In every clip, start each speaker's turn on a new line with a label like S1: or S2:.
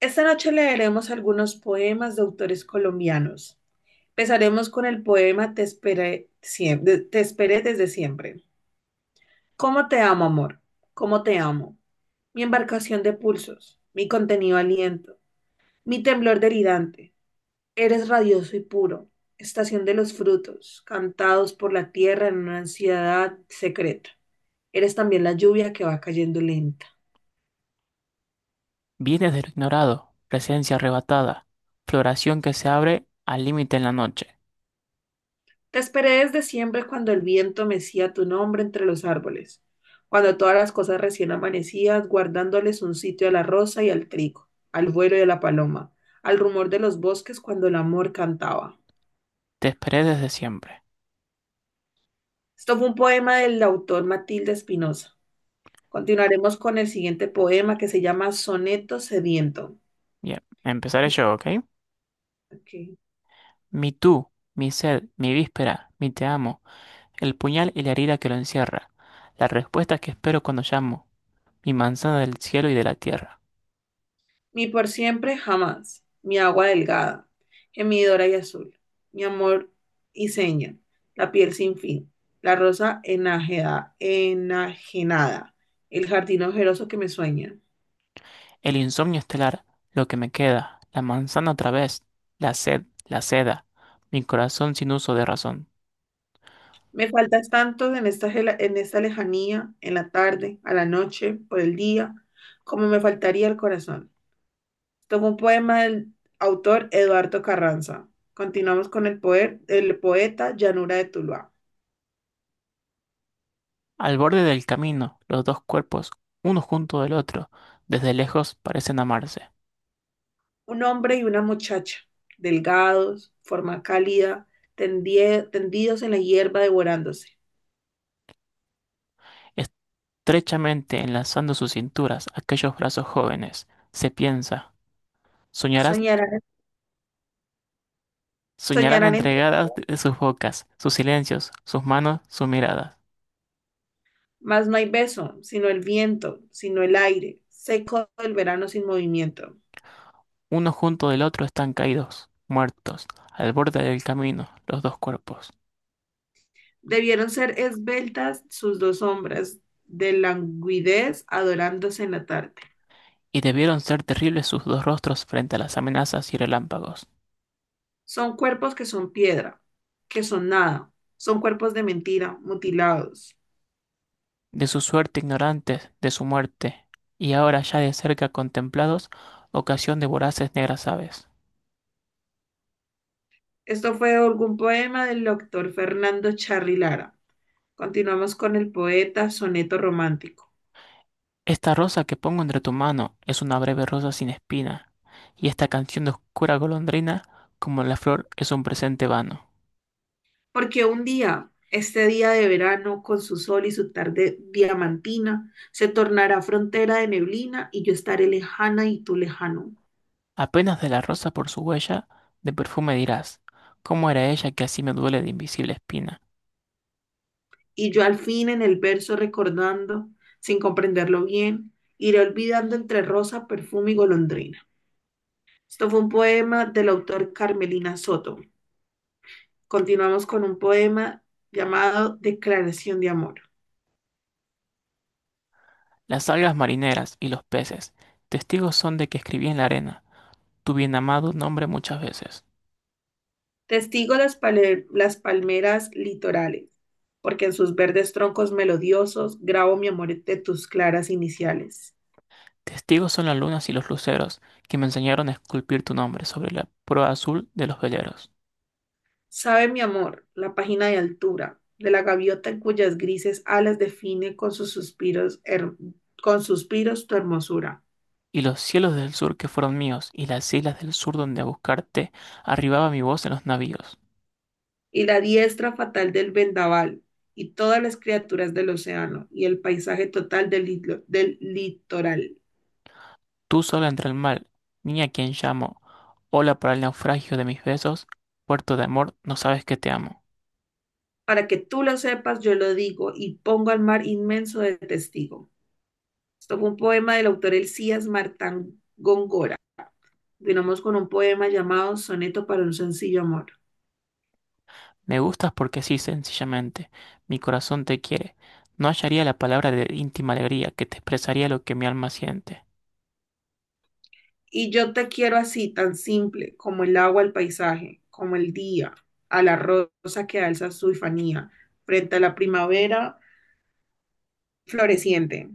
S1: Esta noche leeremos algunos poemas de autores colombianos. Empezaremos con el poema Te esperé, Te esperé desde siempre. ¿Cómo te amo, amor? ¿Cómo te amo? Mi embarcación de pulsos, mi contenido aliento, mi temblor delirante. Eres radioso y puro, estación de los frutos, cantados por la tierra en una ansiedad secreta. Eres también la lluvia que va cayendo lenta.
S2: Vienes de lo ignorado, presencia arrebatada, floración que se abre al límite en la noche.
S1: Te esperé desde siempre cuando el viento mecía tu nombre entre los árboles, cuando todas las cosas recién amanecías, guardándoles un sitio a la rosa y al trigo, al vuelo de la paloma, al rumor de los bosques cuando el amor cantaba.
S2: Te esperé desde siempre.
S1: Esto fue un poema del autor Matilde Espinosa. Continuaremos con el siguiente poema que se llama Soneto Sediento.
S2: Bien, empezaré yo, ¿ok?
S1: Ok.
S2: Mi tú, mi sed, mi víspera, mi te amo, el puñal y la herida que lo encierra, la respuesta que espero cuando llamo, mi manzana del cielo y de la tierra,
S1: Mi por siempre jamás, mi agua delgada, gemidora y azul, mi amor y seña, la piel sin fin, la enajenada, el jardín ojeroso que me sueña.
S2: el insomnio estelar, lo que me queda, la manzana otra vez, la sed, la seda, mi corazón sin uso de razón.
S1: Me faltas tanto en esta lejanía, en la tarde, a la noche, por el día, como me faltaría el corazón. Tomo un poema del autor Eduardo Carranza. Continuamos con el poeta Llanura de Tuluá.
S2: Al borde del camino, los dos cuerpos, uno junto del otro, desde lejos parecen amarse.
S1: Un hombre y una muchacha, delgados, forma cálida, tendidos en la hierba devorándose.
S2: Estrechamente enlazando sus cinturas, aquellos brazos jóvenes, se piensa, soñarás,
S1: Soñarán,
S2: soñarán
S1: soñarán entre,
S2: entregadas de sus bocas, sus silencios, sus manos, sus miradas.
S1: mas no hay beso, sino el viento, sino el aire, seco del verano sin movimiento.
S2: Uno junto del otro están caídos, muertos, al borde del camino, los dos cuerpos.
S1: Debieron ser esbeltas sus dos sombras, de languidez adorándose en la tarde.
S2: Y debieron ser terribles sus dos rostros frente a las amenazas y relámpagos.
S1: Son cuerpos que son piedra, que son nada, son cuerpos de mentira, mutilados.
S2: De su suerte ignorantes, de su muerte, y ahora ya de cerca contemplados, ocasión de voraces negras aves.
S1: Esto fue algún poema del doctor Fernando Charri Lara. Continuamos con el poeta Soneto Romántico.
S2: Esta rosa que pongo entre tu mano es una breve rosa sin espina, y esta canción de oscura golondrina, como la flor, es un presente vano.
S1: Porque un día, este día de verano, con su sol y su tarde diamantina, se tornará frontera de neblina y yo estaré lejana y tú lejano.
S2: Apenas de la rosa por su huella, de perfume dirás, ¿cómo era ella que así me duele de invisible espina?
S1: Y yo al fin en el verso recordando, sin comprenderlo bien, iré olvidando entre rosa, perfume y golondrina. Esto fue un poema del autor Carmelina Soto. Continuamos con un poema llamado Declaración de Amor.
S2: Las algas marineras y los peces, testigos son de que escribí en la arena, tu bien amado nombre muchas veces.
S1: Las palmeras litorales, porque en sus verdes troncos melodiosos grabo mi amor de tus claras iniciales.
S2: Testigos son las lunas y los luceros que me enseñaron a esculpir tu nombre sobre la proa azul de los veleros.
S1: Sabe mi amor la página de altura de la gaviota en cuyas grises alas define con suspiros tu hermosura,
S2: Y los cielos del sur que fueron míos, y las islas del sur donde a buscarte arribaba mi voz en los navíos.
S1: y la diestra fatal del vendaval, y todas las criaturas del océano, y el paisaje total del litoral.
S2: Tú sola entre el mal, niña a quien llamo, ola para el naufragio de mis besos, puerto de amor, no sabes que te amo.
S1: Para que tú lo sepas, yo lo digo y pongo al mar inmenso de testigo. Esto fue un poema del autor Elías Martán Góngora. Continuamos con un poema llamado Soneto para un sencillo amor.
S2: Me gustas porque sí, sencillamente, mi corazón te quiere. No hallaría la palabra de íntima alegría que te expresaría lo que mi alma siente.
S1: Y yo te quiero así, tan simple, como el agua al paisaje, como el día, a la rosa que alza su infanía, frente a la primavera floreciente,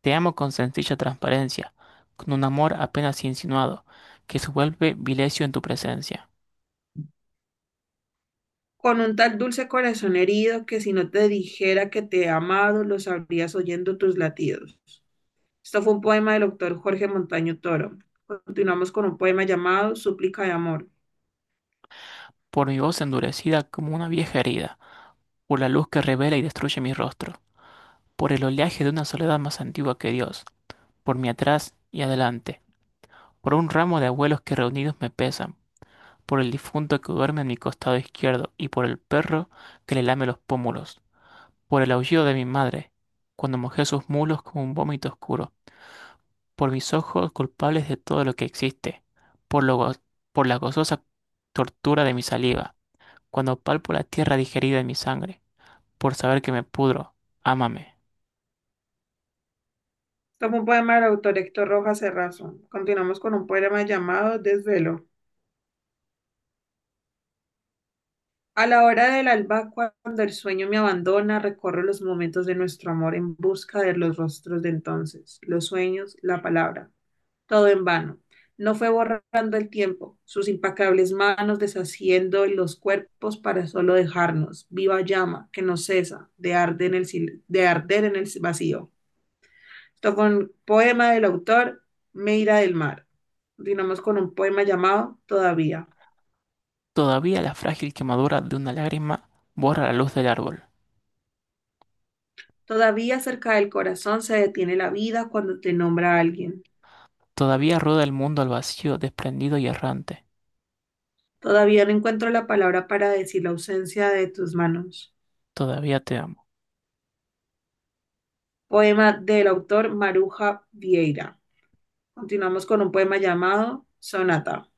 S2: Te amo con sencilla transparencia, con un amor apenas insinuado, que se vuelve vilecio en tu presencia,
S1: con un tal dulce corazón herido que si no te dijera que te he amado, lo sabrías oyendo tus latidos. Esto fue un poema del autor Jorge Montaño Toro. Continuamos con un poema llamado Súplica de Amor.
S2: por mi voz endurecida como una vieja herida, por la luz que revela y destruye mi rostro, por el oleaje de una soledad más antigua que Dios, por mi atrás y adelante, por un ramo de abuelos que reunidos me pesan, por el difunto que duerme en mi costado izquierdo y por el perro que le lame los pómulos. Por el aullido de mi madre, cuando mojé sus mulos como un vómito oscuro, por mis ojos culpables de todo lo que existe, por lo go- por la gozosa tortura de mi saliva, cuando palpo la tierra digerida en mi sangre, por saber que me pudro, ámame.
S1: Tomo un poema del autor Héctor Rojas Cerrazo. Continuamos con un poema llamado Desvelo. A la hora del alba, cuando el sueño me abandona, recorro los momentos de nuestro amor en busca de los rostros de entonces, los sueños, la palabra. Todo en vano. No fue borrando el tiempo, sus implacables manos deshaciendo los cuerpos para solo dejarnos, viva llama que no cesa de arder en el vacío. Esto con un poema del autor Meira del Mar. Continuamos con un poema llamado Todavía.
S2: Todavía la frágil quemadura de una lágrima borra la luz del árbol.
S1: Todavía cerca del corazón se detiene la vida cuando te nombra alguien.
S2: Todavía rueda el mundo al vacío, desprendido y errante.
S1: Todavía no encuentro la palabra para decir la ausencia de tus manos.
S2: Todavía te amo.
S1: Poema del autor Maruja Vieira. Continuamos con un poema llamado Sonata.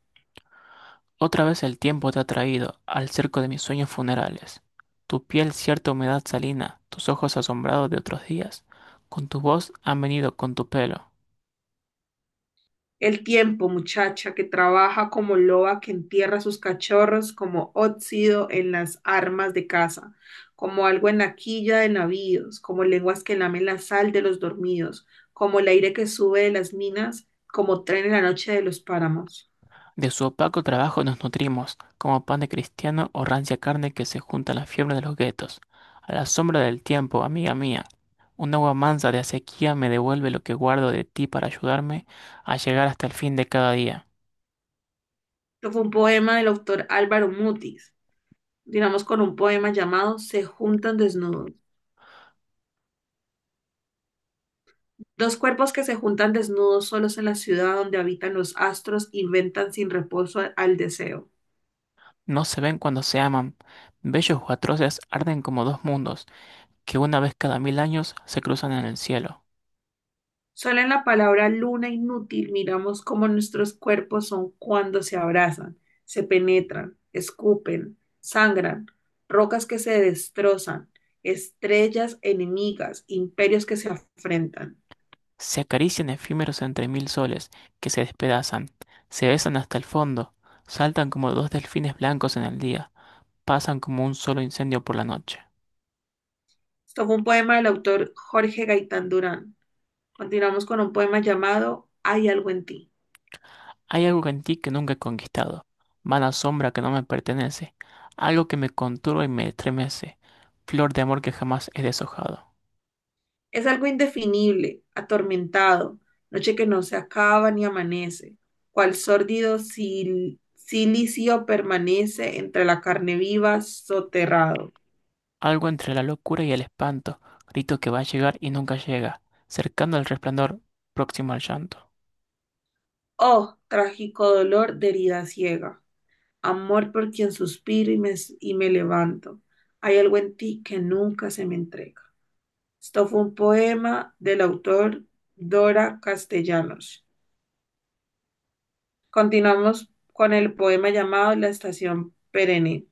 S2: Otra vez el tiempo te ha traído al cerco de mis sueños funerales. Tu piel cierta humedad salina, tus ojos asombrados de otros días, con tu voz han venido con tu pelo.
S1: El tiempo, muchacha, que trabaja como loba que entierra sus cachorros como óxido en las armas de caza, como algo en la quilla de navíos, como lenguas que lamen la sal de los dormidos, como el aire que sube de las minas, como tren en la noche de los páramos.
S2: De su opaco trabajo nos nutrimos, como pan de cristiano o rancia carne que se junta a la fiebre de los guetos. A la sombra del tiempo, amiga mía, un agua mansa de acequia me devuelve lo que guardo de ti para ayudarme a llegar hasta el fin de cada día.
S1: Esto fue un poema del autor Álvaro Mutis, digamos con un poema llamado Se juntan desnudos. Dos cuerpos que se juntan desnudos solos en la ciudad donde habitan los astros inventan sin reposo al deseo.
S2: No se ven cuando se aman, bellos o atroces arden como dos mundos que una vez cada mil años se cruzan en el cielo,
S1: Solo en la palabra luna inútil miramos cómo nuestros cuerpos son cuando se abrazan, se penetran, escupen, sangran, rocas que se destrozan, estrellas enemigas, imperios que se afrentan.
S2: se acarician efímeros entre mil soles que se despedazan, se besan hasta el fondo, saltan como dos delfines blancos en el día, pasan como un solo incendio por la noche.
S1: Esto fue un poema del autor Jorge Gaitán Durán. Continuamos con un poema llamado Hay algo en ti.
S2: Hay algo en ti que nunca he conquistado, vana sombra que no me pertenece, algo que me conturba y me estremece, flor de amor que jamás he deshojado.
S1: Es algo indefinible, atormentado, noche que no se acaba ni amanece, cual sórdido silicio permanece entre la carne viva soterrado.
S2: Algo entre la locura y el espanto, grito que va a llegar y nunca llega, cercano al resplandor, próximo al llanto.
S1: Oh, trágico dolor de herida ciega, amor por quien y me levanto. Hay algo en ti que nunca se me entrega. Esto fue un poema del autor Dora Castellanos. Continuamos con el poema llamado La Estación Perenne.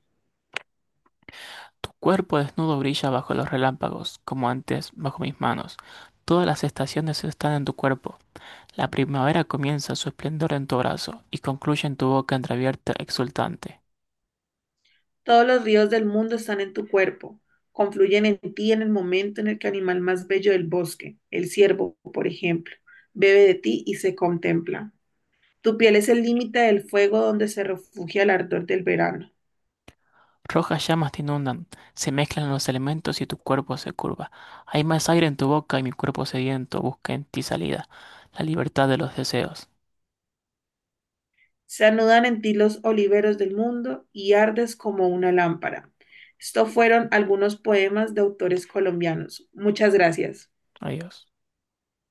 S2: Tu cuerpo desnudo brilla bajo los relámpagos, como antes bajo mis manos. Todas las estaciones están en tu cuerpo. La primavera comienza su esplendor en tu brazo y concluye en tu boca entreabierta exultante.
S1: Todos los ríos del mundo están en tu cuerpo, confluyen en ti en el momento en el que el animal más bello del bosque, el ciervo, por ejemplo, bebe de ti y se contempla. Tu piel es el límite del fuego donde se refugia el ardor del verano.
S2: Rojas llamas te inundan, se mezclan los elementos y tu cuerpo se curva. Hay más aire en tu boca y mi cuerpo sediento busca en ti salida, la libertad de los deseos.
S1: Se anudan en ti los oliveros del mundo y ardes como una lámpara. Estos fueron algunos poemas de autores colombianos. Muchas gracias.
S2: Adiós.